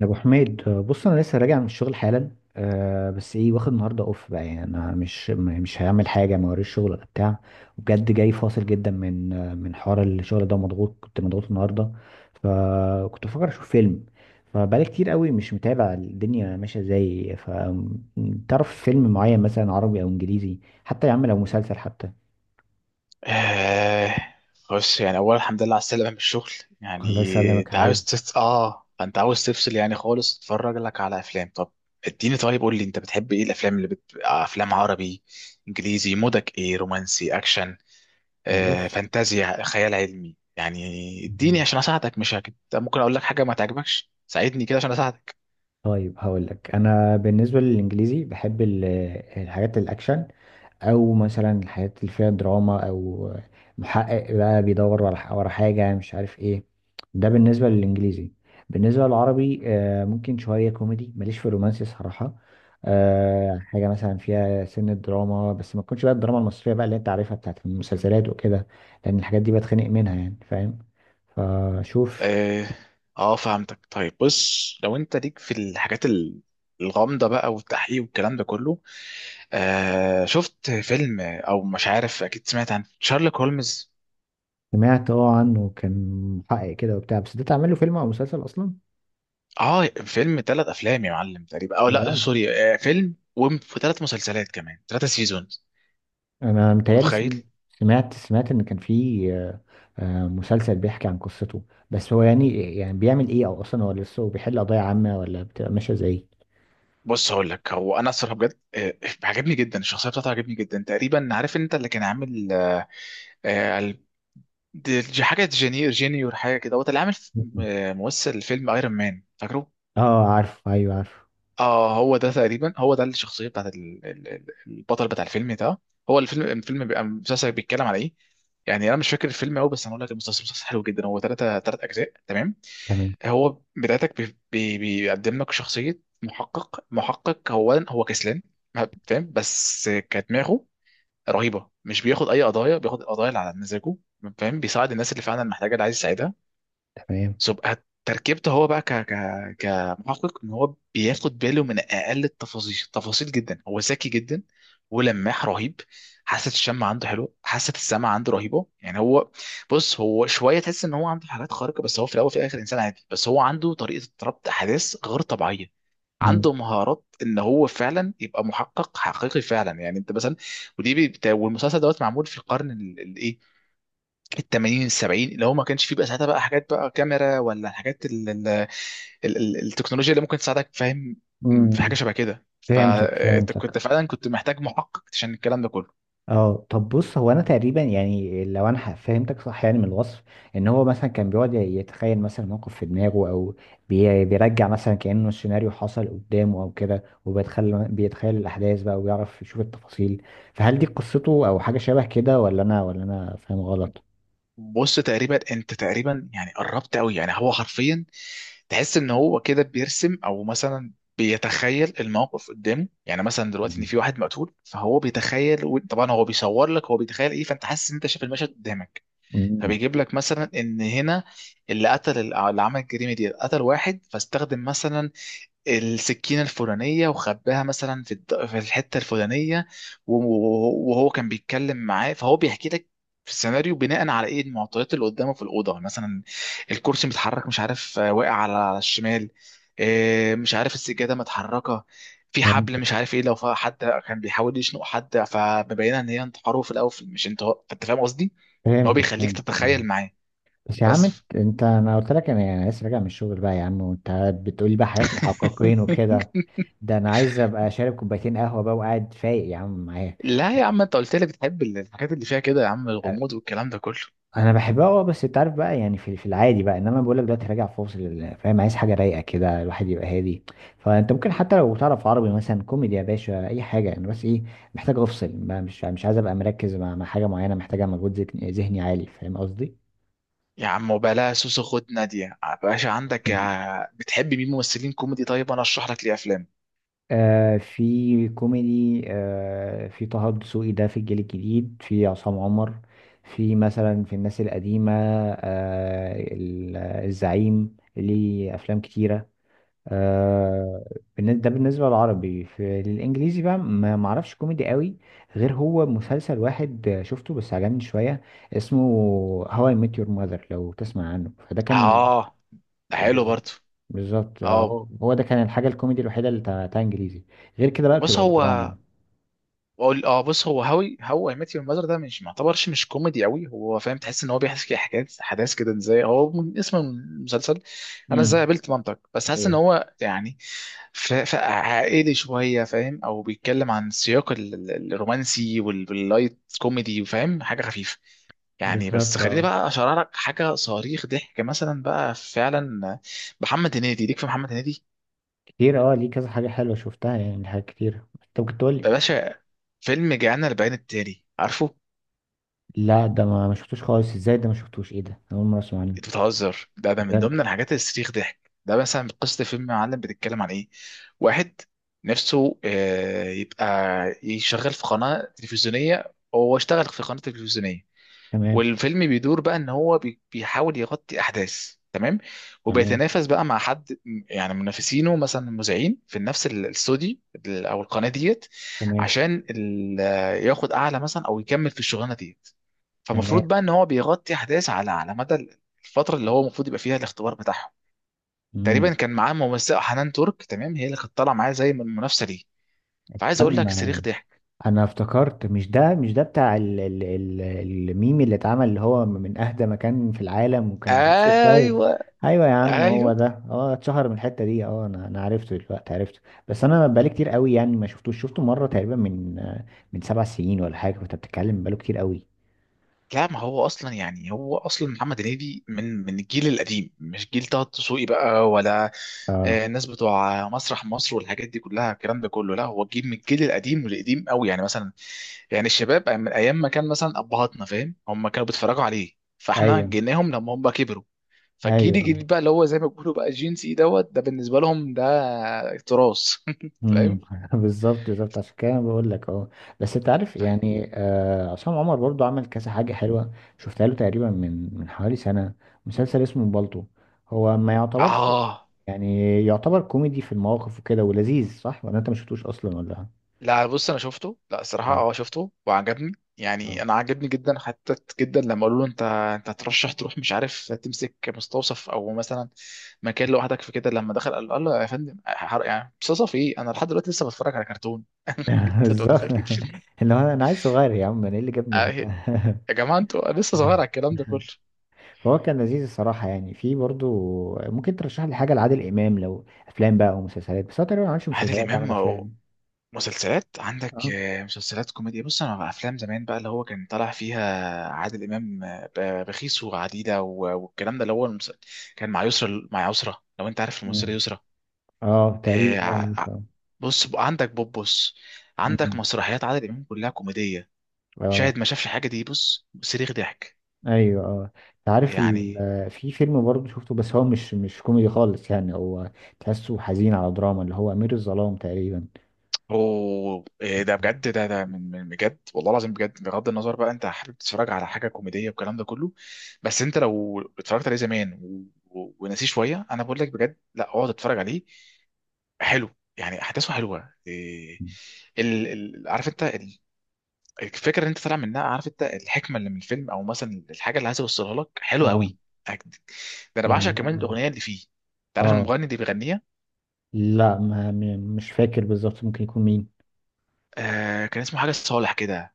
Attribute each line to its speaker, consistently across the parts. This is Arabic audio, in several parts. Speaker 1: يا ابو حميد، بص انا لسه راجع من الشغل حالا. أه بس ايه واخد النهارده اوف بقى. يعني انا مش مش هعمل حاجه، ما وريش شغل ولا بتاع. وبجد جاي فاصل جدا من من حوار الشغل ده. مضغوط، كنت مضغوط النهارده. فكنت بفكر اشوف فيلم. فبقالي كتير قوي مش متابع الدنيا ماشيه ازاي. فتعرف فيلم معين مثلا عربي او انجليزي؟ حتى يا عم لو مسلسل حتى.
Speaker 2: آه بص، يعني أولا الحمد لله على السلامة من الشغل.
Speaker 1: الله
Speaker 2: يعني
Speaker 1: يسلمك يا حبيبي.
Speaker 2: أنت عاوز تفصل، يعني خالص تتفرج لك على أفلام. طب اديني، طيب قول لي، أنت بتحب إيه؟ الأفلام اللي أفلام عربي، إنجليزي؟ مودك إيه، رومانسي، أكشن،
Speaker 1: بص.
Speaker 2: فانتازيا، خيال علمي يعني؟
Speaker 1: مم.
Speaker 2: اديني عشان أساعدك، مش هك... ممكن أقول لك حاجة ما تعجبكش، ساعدني كده عشان أساعدك.
Speaker 1: طيب هقول لك. انا بالنسبه للانجليزي بحب الحاجات الاكشن، او مثلا الحاجات اللي فيها دراما، او محقق بقى بيدور ورا حاجه مش عارف ايه. ده بالنسبه للانجليزي. بالنسبه للعربي ممكن شويه كوميدي، ماليش في الرومانسي صراحه. حاجه مثلا فيها سنه دراما، بس ما تكونش بقى الدراما المصريه بقى اللي انت عارفها بتاعت المسلسلات وكده، لان الحاجات دي بتخنق منها، يعني فاهم. فشوف.
Speaker 2: آه آه، فهمتك. طيب بص، لو أنت ليك في الحاجات الغامضة بقى والتحقيق والكلام ده كله، شفت فيلم؟ او مش عارف، اكيد سمعت عن شارلوك هولمز.
Speaker 1: سمعت اه عنه. كان محقق كده وبتاع. بس ده تعمل له فيلم او مسلسل اصلا؟
Speaker 2: اه، فيلم ثلاث افلام يا معلم تقريبا، او لا
Speaker 1: بجد؟
Speaker 2: سوري، فيلم وثلاث مسلسلات، كمان ثلاثة سيزونز.
Speaker 1: انا متهيألي
Speaker 2: متخيل.
Speaker 1: سمعت، سمعت ان كان في آه، مسلسل بيحكي عن قصته. بس هو يعني بيعمل ايه، او اصلا هو لسه بيحل قضايا عامة ولا بتبقى ماشية ازاي؟
Speaker 2: بص هقول لك، هو انا الصراحه بجد عجبني جدا، الشخصيه بتاعته عجبني جدا تقريبا. عارف انت اللي كان عامل آه ال- حاجه جينيور حاجه كده، هو اللي عامل
Speaker 1: مم.
Speaker 2: ممثل فيلم ايرون مان، فاكره؟
Speaker 1: اه عارف، ايوه عارف.
Speaker 2: اه، هو ده الشخصيه بتاعت البطل بتاع الفيلم ده. هو الفيلم بيبقى المسلسل بيتكلم على ايه؟ يعني انا مش فاكر الفيلم قوي، بس هنقول لك المسلسل مسلسل حلو جدا. هو ثلاث اجزاء تمام.
Speaker 1: تمام.
Speaker 2: هو بدايتك بي بي بيقدم لك شخصيه محقق هو كسلان فاهم، بس كدماغه رهيبه. مش بياخد اي قضايا، بياخد القضايا اللي على مزاجه فاهم، بيساعد الناس اللي فعلا محتاجه، اللي عايز يساعدها.
Speaker 1: تمام.
Speaker 2: تبقى تركيبته هو بقى ك ك كمحقق ان هو بياخد باله من اقل التفاصيل، تفاصيل جدا. هو ذكي جدا ولماح رهيب. حاسه الشم عنده حلو، حاسه السمع عنده رهيبه. يعني هو، بص، هو شويه تحس ان هو عنده حالات خارقه، بس هو في الاول وفي الاخر انسان عادي، بس هو عنده طريقه ربط احداث غير طبيعيه.
Speaker 1: مم.
Speaker 2: عنده مهارات ان هو فعلا يبقى محقق حقيقي فعلا، يعني انت مثلا. ودي والمسلسل دوت معمول في القرن الايه؟ التمانين السبعين، اللي هو ما كانش فيه بقى ساعتها بقى حاجات، بقى كاميرا ولا الحاجات ال ال ال ال التكنولوجيا اللي ممكن تساعدك فاهم. في
Speaker 1: مم.
Speaker 2: حاجه شبه كده.
Speaker 1: فهمتك،
Speaker 2: فانت
Speaker 1: فهمتك.
Speaker 2: كنت فعلا كنت محتاج محقق عشان الكلام ده كله.
Speaker 1: اه طب بص، هو انا تقريبا يعني لو انا فهمتك صح يعني من الوصف، ان هو مثلا كان بيقعد يتخيل مثلا موقف في دماغه، او بيرجع مثلا كانه السيناريو حصل قدامه او كده، وبيتخيل الاحداث بقى وبيعرف يشوف التفاصيل. فهل دي قصته او حاجه شبه كده، ولا انا فاهم غلط؟
Speaker 2: بص، انت تقريبا يعني قربت قوي. يعني هو حرفيا تحس ان هو كده بيرسم، او مثلا بيتخيل الموقف قدامه. يعني مثلا دلوقتي ان
Speaker 1: مم.
Speaker 2: في واحد مقتول، فهو بيتخيل، طبعا هو بيصور لك هو بيتخيل ايه، فانت حاسس ان انت شايف المشهد قدامك.
Speaker 1: مم.
Speaker 2: فبيجيب لك مثلا ان هنا اللي قتل، اللي عمل الجريمه دي قتل واحد، فاستخدم مثلا السكينة الفلانية وخباها مثلا في الحتة الفلانية، وهو كان بيتكلم معاه، فهو بيحكي لك في السيناريو بناء على ايه المعطيات اللي قدامه في الأوضة. مثلا الكرسي متحرك، مش عارف، واقع على الشمال، مش عارف السجادة متحركة، في حبل
Speaker 1: فهمتك،
Speaker 2: مش عارف ايه، لو حد كان بيحاول يشنق حد فمبينه ان هي انتحاره في الاول، مش انت، انت فاهم قصدي؟ ان هو
Speaker 1: فهمتك
Speaker 2: بيخليك
Speaker 1: فهمتك
Speaker 2: تتخيل معاه.
Speaker 1: بس يا عم،
Speaker 2: بس
Speaker 1: انا قلت لك انا يعني لسه راجع من الشغل بقى يا عم، وانت بتقولي بقى حاجات محققين وكده. ده انا عايز ابقى شارب كوبايتين قهوه بقى وقاعد فايق يا عم معايا.
Speaker 2: لا يا عم، انت قلت لي بتحب الحاجات اللي فيها كده يا عم،
Speaker 1: أ-
Speaker 2: الغموض والكلام ده كله.
Speaker 1: انا بحبها اه، بس انت عارف بقى، يعني في العادي بقى. انما بقول لك دلوقتي راجع فاصل فاهم، عايز حاجه رايقه كده، الواحد يبقى هادي. فانت ممكن حتى لو تعرف عربي مثلا كوميدي يا باشا، اي حاجه. انا بس ايه، محتاج افصل بقى، مش عايز ابقى مركز مع حاجه معينه محتاجه مجهود ذهني عالي، فاهم قصدي.
Speaker 2: يا عم وبلا سوسو، خد نادية باشا عندك. بتحب مين ممثلين كوميدي؟ طيب انا اشرح لك ليه افلام.
Speaker 1: في كوميدي، في طه دسوقي ده في الجيل الجديد، في عصام عمر، في مثلا في الناس القديمة الزعيم ليه أفلام كتيرة. آه. ده بالنسبة للعربي. في الإنجليزي بقى ما معرفش كوميدي قوي، غير هو مسلسل واحد شفته بس عجبني شوية. اسمه How I Met Your Mother لو تسمع عنه. فده كان
Speaker 2: اه، ده حلو
Speaker 1: بز-
Speaker 2: برضه.
Speaker 1: بالظبط
Speaker 2: اه
Speaker 1: هو ده كان الحاجة الكوميدي الوحيدة اللي بتاعتها انجليزي. غير كده بقى
Speaker 2: بص
Speaker 1: بتبقى
Speaker 2: هو
Speaker 1: الدراما.
Speaker 2: بص هو هاوي، هو اي ميت يور ماذر ده مش معتبرش مش كوميدي قوي، هو فاهم تحس ان هو بيحكي حكايات احداث كده ازاي. هو من اسم المسلسل، انا ازاي
Speaker 1: امم.
Speaker 2: قابلت مامتك، بس حاسس ان
Speaker 1: ايوه.
Speaker 2: هو يعني عائلي شويه فاهم. او بيتكلم عن سياق الرومانسي واللايت كوميدي وفاهم، حاجه خفيفه يعني. بس
Speaker 1: بالظبط
Speaker 2: خليني
Speaker 1: اه.
Speaker 2: بقى اشرح لك حاجه صريخ ضحك مثلا بقى فعلا. محمد هنيدي، ليك في محمد هنيدي
Speaker 1: كتير، اه. ليه كذا حاجة حلوة شفتها، يعني حاجات كتير انت ممكن تقول لي.
Speaker 2: يا باشا. فيلم جانا البيان التالي، عارفه؟
Speaker 1: لا ده ما شفتوش خالص. ازاي ده ما شفتوش؟ ايه ده، أنا اول مرة اسمع عنه.
Speaker 2: انت بتهزر؟ ده من
Speaker 1: بجد.
Speaker 2: ضمن الحاجات اللي تستريخ ضحك. ده مثلا قصة فيلم معلم، بتتكلم عن ايه؟ واحد نفسه يبقى يشغل في قناة تلفزيونية، هو اشتغل في قناة تلفزيونية،
Speaker 1: تمام.
Speaker 2: والفيلم بيدور بقى ان هو بيحاول يغطي احداث تمام،
Speaker 1: تمام.
Speaker 2: وبيتنافس بقى مع حد يعني منافسينه، مثلا مذيعين في نفس الاستوديو، او القناة ديت،
Speaker 1: تمام.
Speaker 2: عشان ياخد اعلى مثلا او يكمل في الشغلانة ديت.
Speaker 1: تمام.
Speaker 2: فمفروض بقى ان هو بيغطي احداث على مدى الفتره اللي هو المفروض يبقى فيها الاختبار بتاعهم.
Speaker 1: امم.
Speaker 2: تقريبا كان معاه ممثله حنان ترك تمام، هي اللي كانت طالعه معاه زي من المنافسه ليه. فعايز اقول لك
Speaker 1: استنى،
Speaker 2: صريخ ضحك.
Speaker 1: انا افتكرت مش ده. مش ده بتاع ال ال ال الميم اللي اتعمل، اللي هو من اهدى مكان في العالم وكان في وسط الطيب؟
Speaker 2: ايوه،
Speaker 1: ايوه يا عم، هو
Speaker 2: ايوه.
Speaker 1: ده. اه، اتشهر من الحته دي اه. انا عرفته دلوقتي، عرفته. بس انا بقالي كتير قوي يعني ما شفتوش، شفته مره تقريبا من 7 سنين ولا حاجه، فانت بتتكلم بقاله كتير قوي.
Speaker 2: لا، ما هو اصلا يعني هو اصلا محمد هنيدي من الجيل القديم، مش جيل طه دسوقي بقى ولا
Speaker 1: اه.
Speaker 2: الناس بتوع مسرح مصر والحاجات دي كلها الكلام ده كله. لا، هو جيل من الجيل القديم والقديم قوي يعني مثلا. يعني الشباب من ايام ما كان مثلا ابهاتنا فاهم، هم كانوا بيتفرجوا عليه، فاحنا
Speaker 1: ايوه.
Speaker 2: جيناهم لما هم كبروا. فالجيل
Speaker 1: ايوه.
Speaker 2: الجديد بقى اللي هو زي ما بيقولوا بقى جين سي دوت، ده بالنسبه لهم ده تراث
Speaker 1: امم.
Speaker 2: فاهم.
Speaker 1: بالظبط، بالظبط، عشان كده أنا بقول لك اهو. بس انت عارف،
Speaker 2: طيب
Speaker 1: يعني آه، عصام عمر برضو عمل كذا حاجه حلوه. شفتها له تقريبا من حوالي سنه، مسلسل اسمه بالطو. هو ما يعتبرش
Speaker 2: اه،
Speaker 1: يعني، يعتبر كوميدي في المواقف وكده، ولذيذ، صح؟ ولا انت ما شفتوش اصلا ولا؟
Speaker 2: لا بص انا شفته، لا الصراحه
Speaker 1: اه،
Speaker 2: اه شفته وعجبني، يعني
Speaker 1: اه.
Speaker 2: انا عجبني جدا حتى جدا. لما قالوا له انت هترشح تروح مش عارف تمسك مستوصف، او مثلا مكان لوحدك في كده، لما دخل قال له يا فندم، يعني مستوصف ايه، انا لحد دلوقتي لسه بتفرج على كرتون. انت
Speaker 1: بالظبط.
Speaker 2: متخيل؟
Speaker 1: اللي هو انا عايز صغير يا عم، انا ايه اللي
Speaker 2: آه،
Speaker 1: جابني هنا.
Speaker 2: يا جماعه انتوا، أنا لسه صغير على الكلام ده كله.
Speaker 1: فهو كان لذيذ الصراحه. يعني في برضو، ممكن ترشح لي حاجه لعادل امام؟ لو افلام بقى او مسلسلات، بس هو تقريبا ما عملش
Speaker 2: عادل
Speaker 1: مسلسلات،
Speaker 2: امام
Speaker 1: عمل افلام.
Speaker 2: مسلسلات عندك،
Speaker 1: اه.
Speaker 2: مسلسلات كوميديا. بص، انا بقى افلام زمان بقى اللي هو كان طالع فيها عادل امام، بخيس وعديله والكلام ده اللي هو كان مع يسرا، لو انت عارف الممثله
Speaker 1: مم.
Speaker 2: يسرا.
Speaker 1: اه
Speaker 2: آه،
Speaker 1: تقريبا، اه
Speaker 2: ع- ع-
Speaker 1: عارفه.
Speaker 2: بص بقى عندك بوبوس، عندك
Speaker 1: مم.
Speaker 2: مسرحيات عادل امام كلها كوميديه.
Speaker 1: اه.
Speaker 2: شاهد ما شافش حاجه دي، بص صريخ ضحك
Speaker 1: ايوه اه. انت عارف ال...
Speaker 2: يعني.
Speaker 1: في فيلم برضه شفته، بس هو مش كوميدي خالص يعني، هو تحسه حزين، على دراما، اللي هو امير الظلام تقريبا.
Speaker 2: اوه، إيه ده
Speaker 1: مم.
Speaker 2: بجد؟ ده من بجد، والله العظيم بجد، بغض النظر بقى انت حابب تتفرج على حاجه كوميديه والكلام ده كله. بس انت لو اتفرجت عليه زمان ونسيه شويه، انا بقول لك بجد، لا اقعد اتفرج عليه. حلو، يعني احداثه حلوه. إيه عارف انت الفكره اللي انت طالع منها، عارف انت الحكمه اللي من الفيلم او مثلا الحاجه اللي عايز يوصلها لك، حلوه
Speaker 1: اه.
Speaker 2: قوي. أكد. ده انا بعشق
Speaker 1: يعني
Speaker 2: كمان
Speaker 1: اه.
Speaker 2: الاغنيه اللي فيه. انت عارف
Speaker 1: آه.
Speaker 2: المغني اللي بيغنيها؟
Speaker 1: لا ما م- مش فاكر بالظبط، ممكن يكون مين؟
Speaker 2: كان اسمه حاجه صالح كده.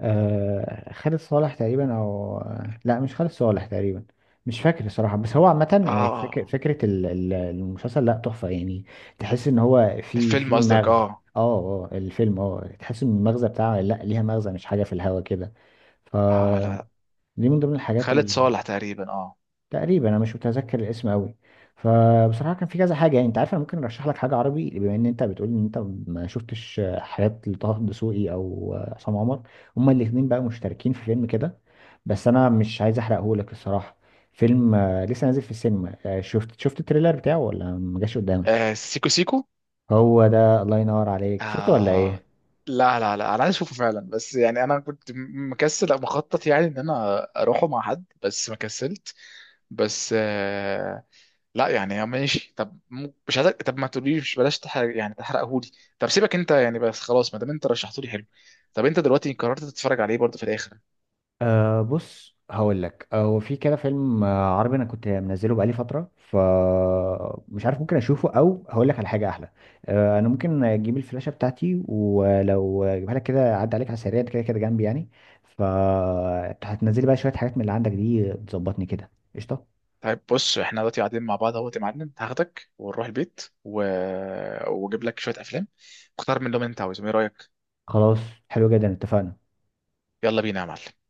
Speaker 1: آه خالد صالح تقريبا، او لا مش خالد صالح تقريبا. مش فاكر الصراحة. بس هو عامة
Speaker 2: اه،
Speaker 1: إيه،
Speaker 2: اه،
Speaker 1: فكرة المسلسل لا، تحفة يعني. تحس ان هو في
Speaker 2: الفيلم قصدك،
Speaker 1: مغزى.
Speaker 2: اه.
Speaker 1: اه. اه الفيلم اه، تحس ان المغزى بتاعه لا، ليها مغزى، مش حاجة في الهوا كده.
Speaker 2: اه، لا،
Speaker 1: فدي من ضمن الحاجات.
Speaker 2: خالد صالح تقريبا اه.
Speaker 1: تقريبا انا مش متذكر الاسم قوي. فبصراحه كان في كذا حاجه يعني. انت عارف انا ممكن ارشح لك حاجه عربي، بما ان انت بتقول ان انت ما شفتش حاجات لطه دسوقي او عصام عمر. هما الاثنين بقى مشتركين في فيلم كده، بس انا مش عايز احرقه لك الصراحه. فيلم لسه نازل في السينما. شفت التريلر بتاعه ولا ما جاش قدامك؟
Speaker 2: سيكو سيكو.
Speaker 1: هو ده، الله ينور عليك، شفته ولا ايه؟
Speaker 2: آه لا، لا، لا، انا عايز اشوفه فعلا، بس يعني انا كنت مكسل أو مخطط يعني ان انا اروحه مع حد بس ما كسلت. بس لا، يعني ماشي. طب مش عايزك، طب ما تقوليش، بلاش تحرق يعني تحرقهولي. طب سيبك انت يعني بس خلاص، ما دام انت رشحته لي حلو. طب انت دلوقتي قررت تتفرج عليه برضه في الاخر؟
Speaker 1: أه بص هقول لك، هو في كده فيلم عربي انا كنت منزله بقالي فتره، فمش عارف ممكن اشوفه، او هقول لك على حاجه احلى. أه، انا ممكن اجيب الفلاشه بتاعتي ولو اجيبها لك كده، عدى عليك على السريع، أنت كده كده جنبي يعني. فهتنزلي بقى شويه حاجات من اللي عندك دي، تظبطني كده، قشطه.
Speaker 2: طيب بص، احنا دلوقتي قاعدين مع بعض اهوت يا معلم، هاخدك ونروح البيت واجيب لك شويه افلام، اختار منهم اللي انت عاوزهم. ايه رايك؟
Speaker 1: خلاص، حلو جدا، اتفقنا.
Speaker 2: يلا بينا يا معلم.